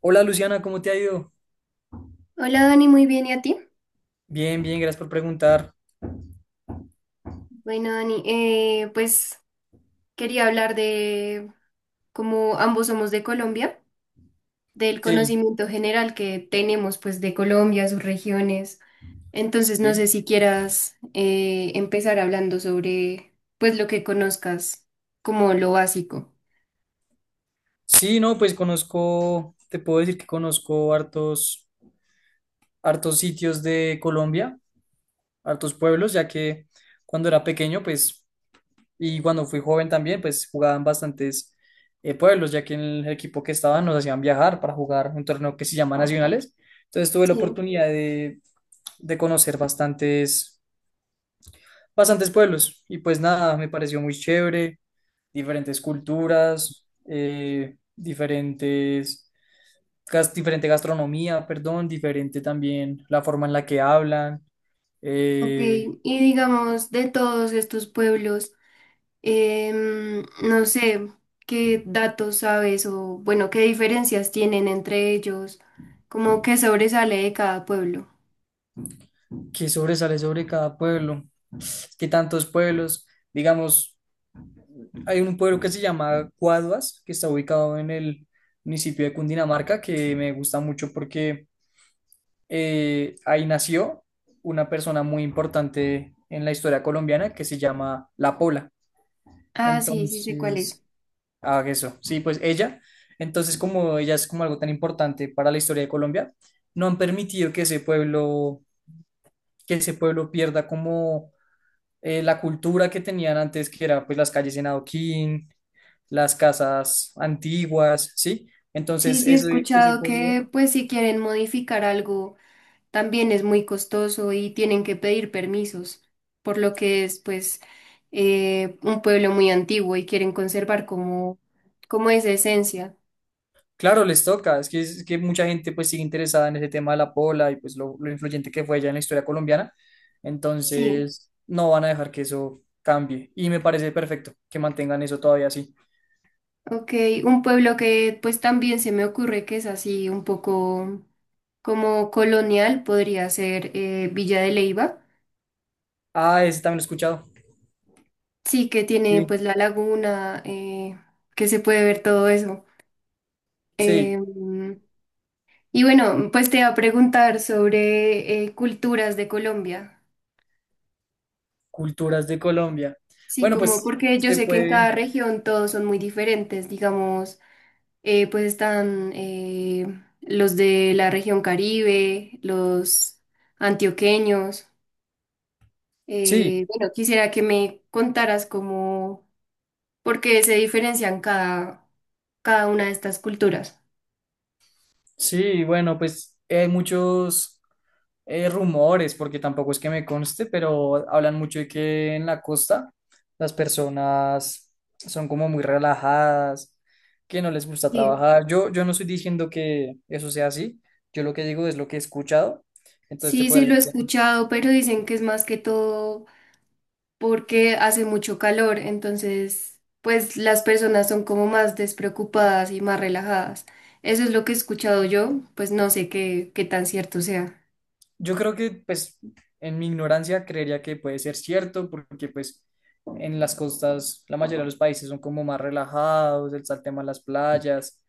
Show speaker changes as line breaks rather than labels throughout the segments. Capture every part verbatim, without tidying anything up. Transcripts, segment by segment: Hola Luciana, ¿cómo te ha ido?
Hola Dani, muy bien, ¿y a ti?
Bien, bien, gracias por preguntar.
Bueno, Dani, eh, pues quería hablar de cómo ambos somos de Colombia, del
Sí,
conocimiento general que tenemos pues de Colombia, sus regiones. Entonces, no sé
sí.
si quieras eh, empezar hablando sobre pues lo que conozcas como lo básico.
Sí, no, pues conozco, te puedo decir que conozco hartos, hartos sitios de Colombia, hartos pueblos, ya que cuando era pequeño, pues, y cuando fui joven también, pues jugaban bastantes eh, pueblos, ya que en el equipo que estaba nos hacían viajar para jugar un torneo que se llama Nacionales. Entonces tuve la
Sí.
oportunidad de, de conocer bastantes. Bastantes pueblos y pues nada, me pareció muy chévere, diferentes culturas, eh, diferentes, gas- diferente gastronomía, perdón, diferente también la forma en la que hablan,
Ok,
eh,
y digamos de todos estos pueblos. Em, no sé qué datos sabes o, bueno, qué diferencias tienen entre ellos, como qué sobresale de cada pueblo.
qué sobresale sobre cada pueblo, qué tantos pueblos, digamos, hay un pueblo que se llama Cuaduas, que está ubicado en el municipio de Cundinamarca, que me gusta mucho porque eh, ahí nació una persona muy importante en la historia colombiana que se llama La Pola.
Ah, sí, sí sé cuál es.
Entonces, ah, eso, sí, pues ella. Entonces, como ella es como algo tan importante para la historia de Colombia, no han permitido que ese pueblo, que ese pueblo pierda como eh, la cultura que tenían antes, que era pues las calles en adoquín, las casas antiguas, ¿sí?
Sí,
Entonces,
sí he
ese, ese
escuchado
pueblo.
que, pues, si quieren modificar algo, también es muy costoso y tienen que pedir permisos, por lo que es, pues, eh, un pueblo muy antiguo y quieren conservar como, como esa esencia.
Claro, les toca. Es que, es que mucha gente pues sigue interesada en ese tema de la pola y pues lo, lo influyente que fue ella en la historia colombiana.
Sí.
Entonces, no van a dejar que eso cambie. Y me parece perfecto que mantengan eso todavía así.
Ok, un pueblo que pues también se me ocurre que es así un poco como colonial, podría ser eh, Villa de Leyva.
Ah, ese también lo he escuchado.
Sí, que tiene
Sí,
pues la laguna, eh, que se puede ver todo eso. Eh,
sí,
y bueno, pues te iba a preguntar sobre eh, culturas de Colombia.
culturas de Colombia.
Sí,
Bueno,
como
pues
porque yo
se
sé que en cada
puede.
región todos son muy diferentes, digamos. Eh, pues están eh, los de la región Caribe, los antioqueños.
Sí,
Eh, bueno, quisiera que me contaras cómo, por qué se diferencian cada, cada una de estas culturas.
sí, bueno, pues eh, hay muchos. Eh, rumores, porque tampoco es que me conste, pero hablan mucho de que en la costa las personas son como muy relajadas, que no les gusta
Sí,
trabajar. Yo, yo no estoy diciendo que eso sea así, yo lo que digo es lo que he escuchado, entonces te
sí,
puedo
sí lo he
decir que-
escuchado, pero
sí.
dicen que es más que todo porque hace mucho calor, entonces pues las personas son como más despreocupadas y más relajadas. Eso es lo que he escuchado yo, pues no sé qué, qué tan cierto sea.
Yo creo que, pues, en mi ignorancia creería que puede ser cierto, porque, pues, en las costas la mayoría de los países son como más relajados, el tema de las playas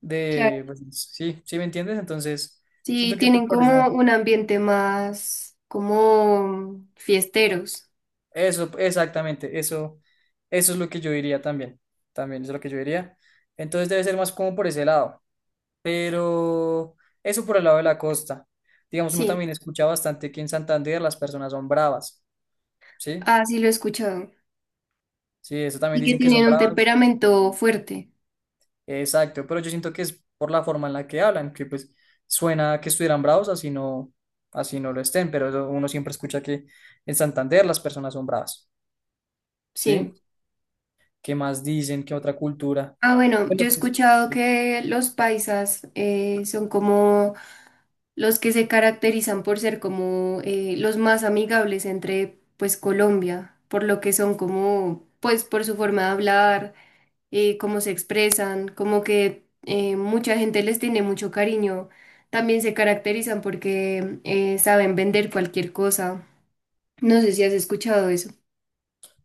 de, pues, sí, sí me entiendes, entonces
Sí,
siento que pues
tienen
por
como
eso,
un ambiente más como fiesteros.
eso, exactamente, eso, eso es lo que yo diría también, también es lo que yo diría, entonces debe ser más como por ese lado, pero eso por el lado de la costa, digamos, uno
Sí,
también escucha bastante que en Santander las personas son bravas, ¿sí?
ah, sí lo he escuchado.
Sí, eso también
Y que
dicen que son
tienen un
bravas.
temperamento fuerte.
Exacto, pero yo siento que es por la forma en la que hablan, que pues suena que estuvieran bravos, así no, así no lo estén, pero eso uno siempre escucha que en Santander las personas son bravas,
Sí.
¿sí? ¿Qué más dicen? ¿Qué otra cultura?
Ah, bueno,
Bueno,
yo he
pues,
escuchado
sí.
que los paisas eh, son como los que se caracterizan por ser como eh, los más amigables entre pues Colombia, por lo que son como pues por su forma de hablar, eh, cómo se expresan, como que eh, mucha gente les tiene mucho cariño. También se caracterizan porque eh, saben vender cualquier cosa. No sé si has escuchado eso.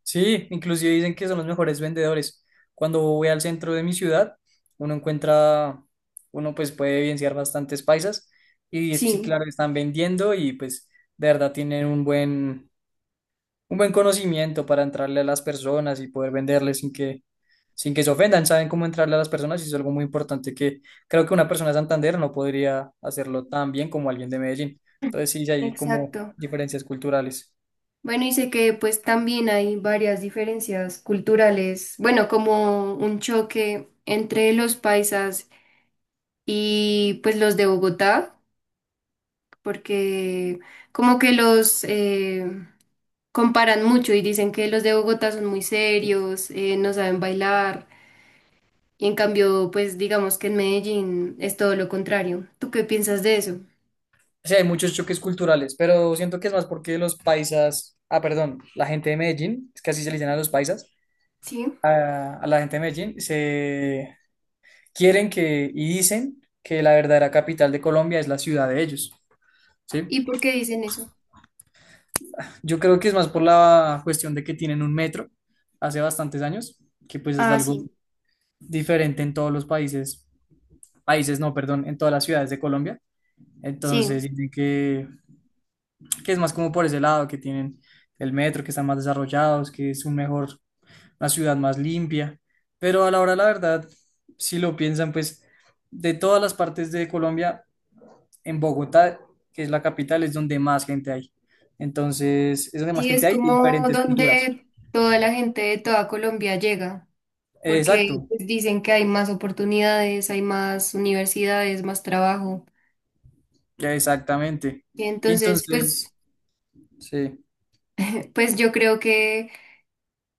Sí, inclusive dicen que son los mejores vendedores. Cuando voy al centro de mi ciudad, uno encuentra, uno pues puede evidenciar bastantes paisas y es- sí,
Sí,
claro, están vendiendo y pues de verdad tienen un buen, un buen conocimiento para entrarle a las personas y poder venderles sin que, sin que se ofendan. Saben cómo entrarle a las personas y es algo muy importante que creo que una persona de Santander no podría hacerlo tan bien como alguien de Medellín. Entonces sí, sí hay como
exacto.
diferencias culturales.
Bueno, y sé que pues también hay varias diferencias culturales, bueno, como un choque entre los paisas y pues los de Bogotá, porque como que los, eh, comparan mucho y dicen que los de Bogotá son muy serios, eh, no saben bailar, y en cambio, pues digamos que en Medellín es todo lo contrario. ¿Tú qué piensas de eso?
Sí, hay muchos choques culturales, pero siento que es más porque los paisas, ah, perdón, la gente de Medellín, es que así se le dicen a los paisas,
Sí.
a, a la gente de Medellín, se quieren que y dicen que la verdadera capital de Colombia es la ciudad de ellos, ¿sí?
¿Y por qué dicen eso?
Yo creo que es más por la cuestión de que tienen un metro hace bastantes años, que pues es
Ah,
algo
sí,
diferente en todos los países, países no, perdón, en todas las ciudades de Colombia.
sí.
Entonces dicen que, que es más como por ese lado, que tienen el metro, que están más desarrollados, que es un mejor, una ciudad más limpia. Pero a la hora, la verdad, si lo piensan, pues de todas las partes de Colombia, en Bogotá, que es la capital, es donde más gente hay. Entonces, es donde más
Sí,
gente
es
hay de
como
diferentes culturas.
donde toda la gente de toda Colombia llega, porque
Exacto,
pues, dicen que hay más oportunidades, hay más universidades, más trabajo.
ya exactamente.
Y
Y
entonces, pues,
entonces, sí.
pues yo creo que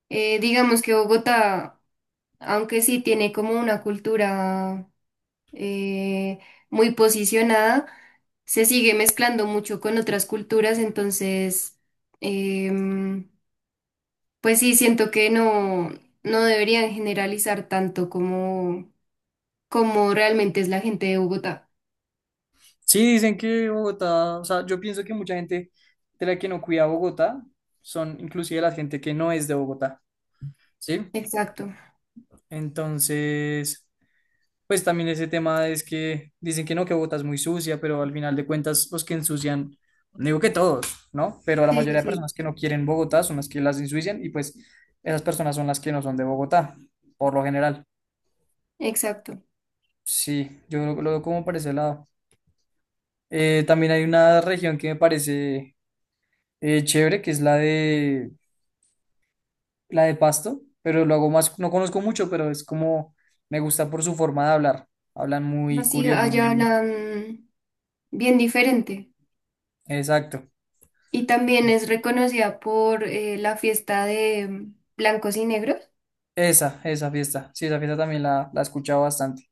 eh, digamos que Bogotá aunque sí tiene como una cultura eh, muy posicionada, se sigue mezclando mucho con otras culturas, entonces, em, pues sí, siento que no, no deberían generalizar tanto como, como realmente es la gente de Bogotá.
Sí, dicen que Bogotá, o sea, yo pienso que mucha gente de la que no cuida Bogotá son inclusive la gente que no es de Bogotá, ¿sí?
Exacto.
Entonces, pues también ese tema es que dicen que no, que Bogotá es muy sucia, pero al final de cuentas los que ensucian, no digo que todos, ¿no? Pero la
Sí, sí,
mayoría de
sí,
personas que no quieren Bogotá son las que las ensucian y pues esas personas son las que no son de Bogotá, por lo general.
exacto.
Sí, yo lo, lo veo como por ese lado. Eh, también hay una región que me parece eh, chévere, que es la de la de Pasto, pero lo hago más, no conozco mucho, pero es como me gusta por su forma de hablar. Hablan muy
Así
curioso,
allá
muy
hablan bien diferente.
exacto.
Y también es reconocida por eh, la fiesta de blancos y negros.
Esa, esa fiesta. Sí, esa fiesta también la, la he escuchado bastante.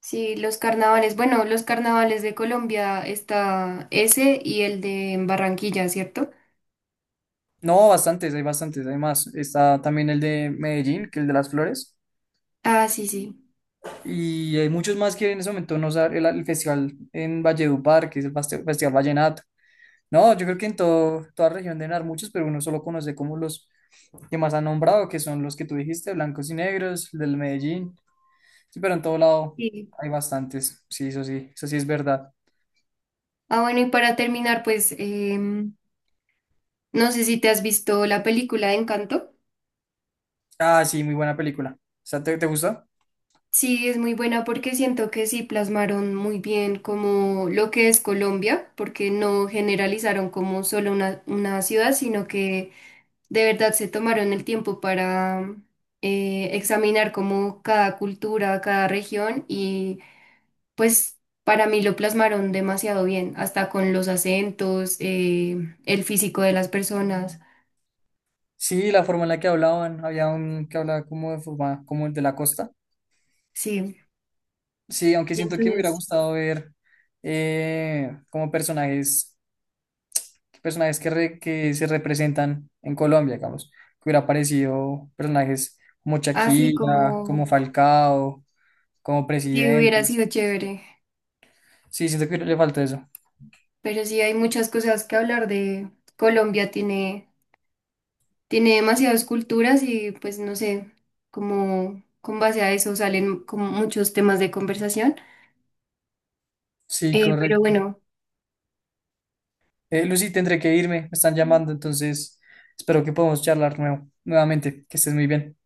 Sí, los carnavales. Bueno, los carnavales de Colombia está ese y el de Barranquilla, ¿cierto?
No, bastantes, hay bastantes, hay más. Está también el de Medellín, que es el de las flores.
Ah, sí, sí.
Y hay muchos más que en ese momento no saben, el, el festival en Valledupar, que es el faste- Festival Vallenato. No, yo creo que en todo- toda región deben haber muchos, pero uno solo conoce como los que más han nombrado, que son los que tú dijiste, blancos y negros, el del Medellín. Sí, pero en todo lado
Sí.
hay bastantes. Sí, eso sí, eso sí es verdad.
Ah, bueno, y para terminar, pues em, no sé si te has visto la película de Encanto.
Ah, sí, muy buena película. O sea, ¿te, te gustó?
Sí, es muy buena porque siento que sí plasmaron muy bien como lo que es Colombia, porque no generalizaron como solo una, una ciudad, sino que de verdad se tomaron el tiempo para eh, examinar como cada cultura, cada región y pues para mí lo plasmaron demasiado bien, hasta con los acentos, eh, el físico de las personas,
Sí, la forma en la que hablaban, había un que hablaba como de forma, como el de la costa.
sí.
Sí, aunque
Y
siento que me hubiera
entonces,
gustado ver eh, como personajes. Personajes que, re- que se representan en Colombia, digamos, que hubiera aparecido personajes como
así
Shakira,
como
como Falcao, como
que hubiera
presidentes.
sido chévere,
Sí, siento que le falta eso.
pero sí hay muchas cosas que hablar de Colombia, tiene, tiene demasiadas culturas y pues no sé, como con base a eso salen como muchos temas de conversación.
Sí,
Eh, pero
correcto.
bueno,
Eh, Lucy, tendré que irme, me están llamando, entonces espero que podamos charlar nuevo, nuevamente, que estés muy bien.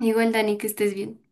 igual Dani, que estés bien.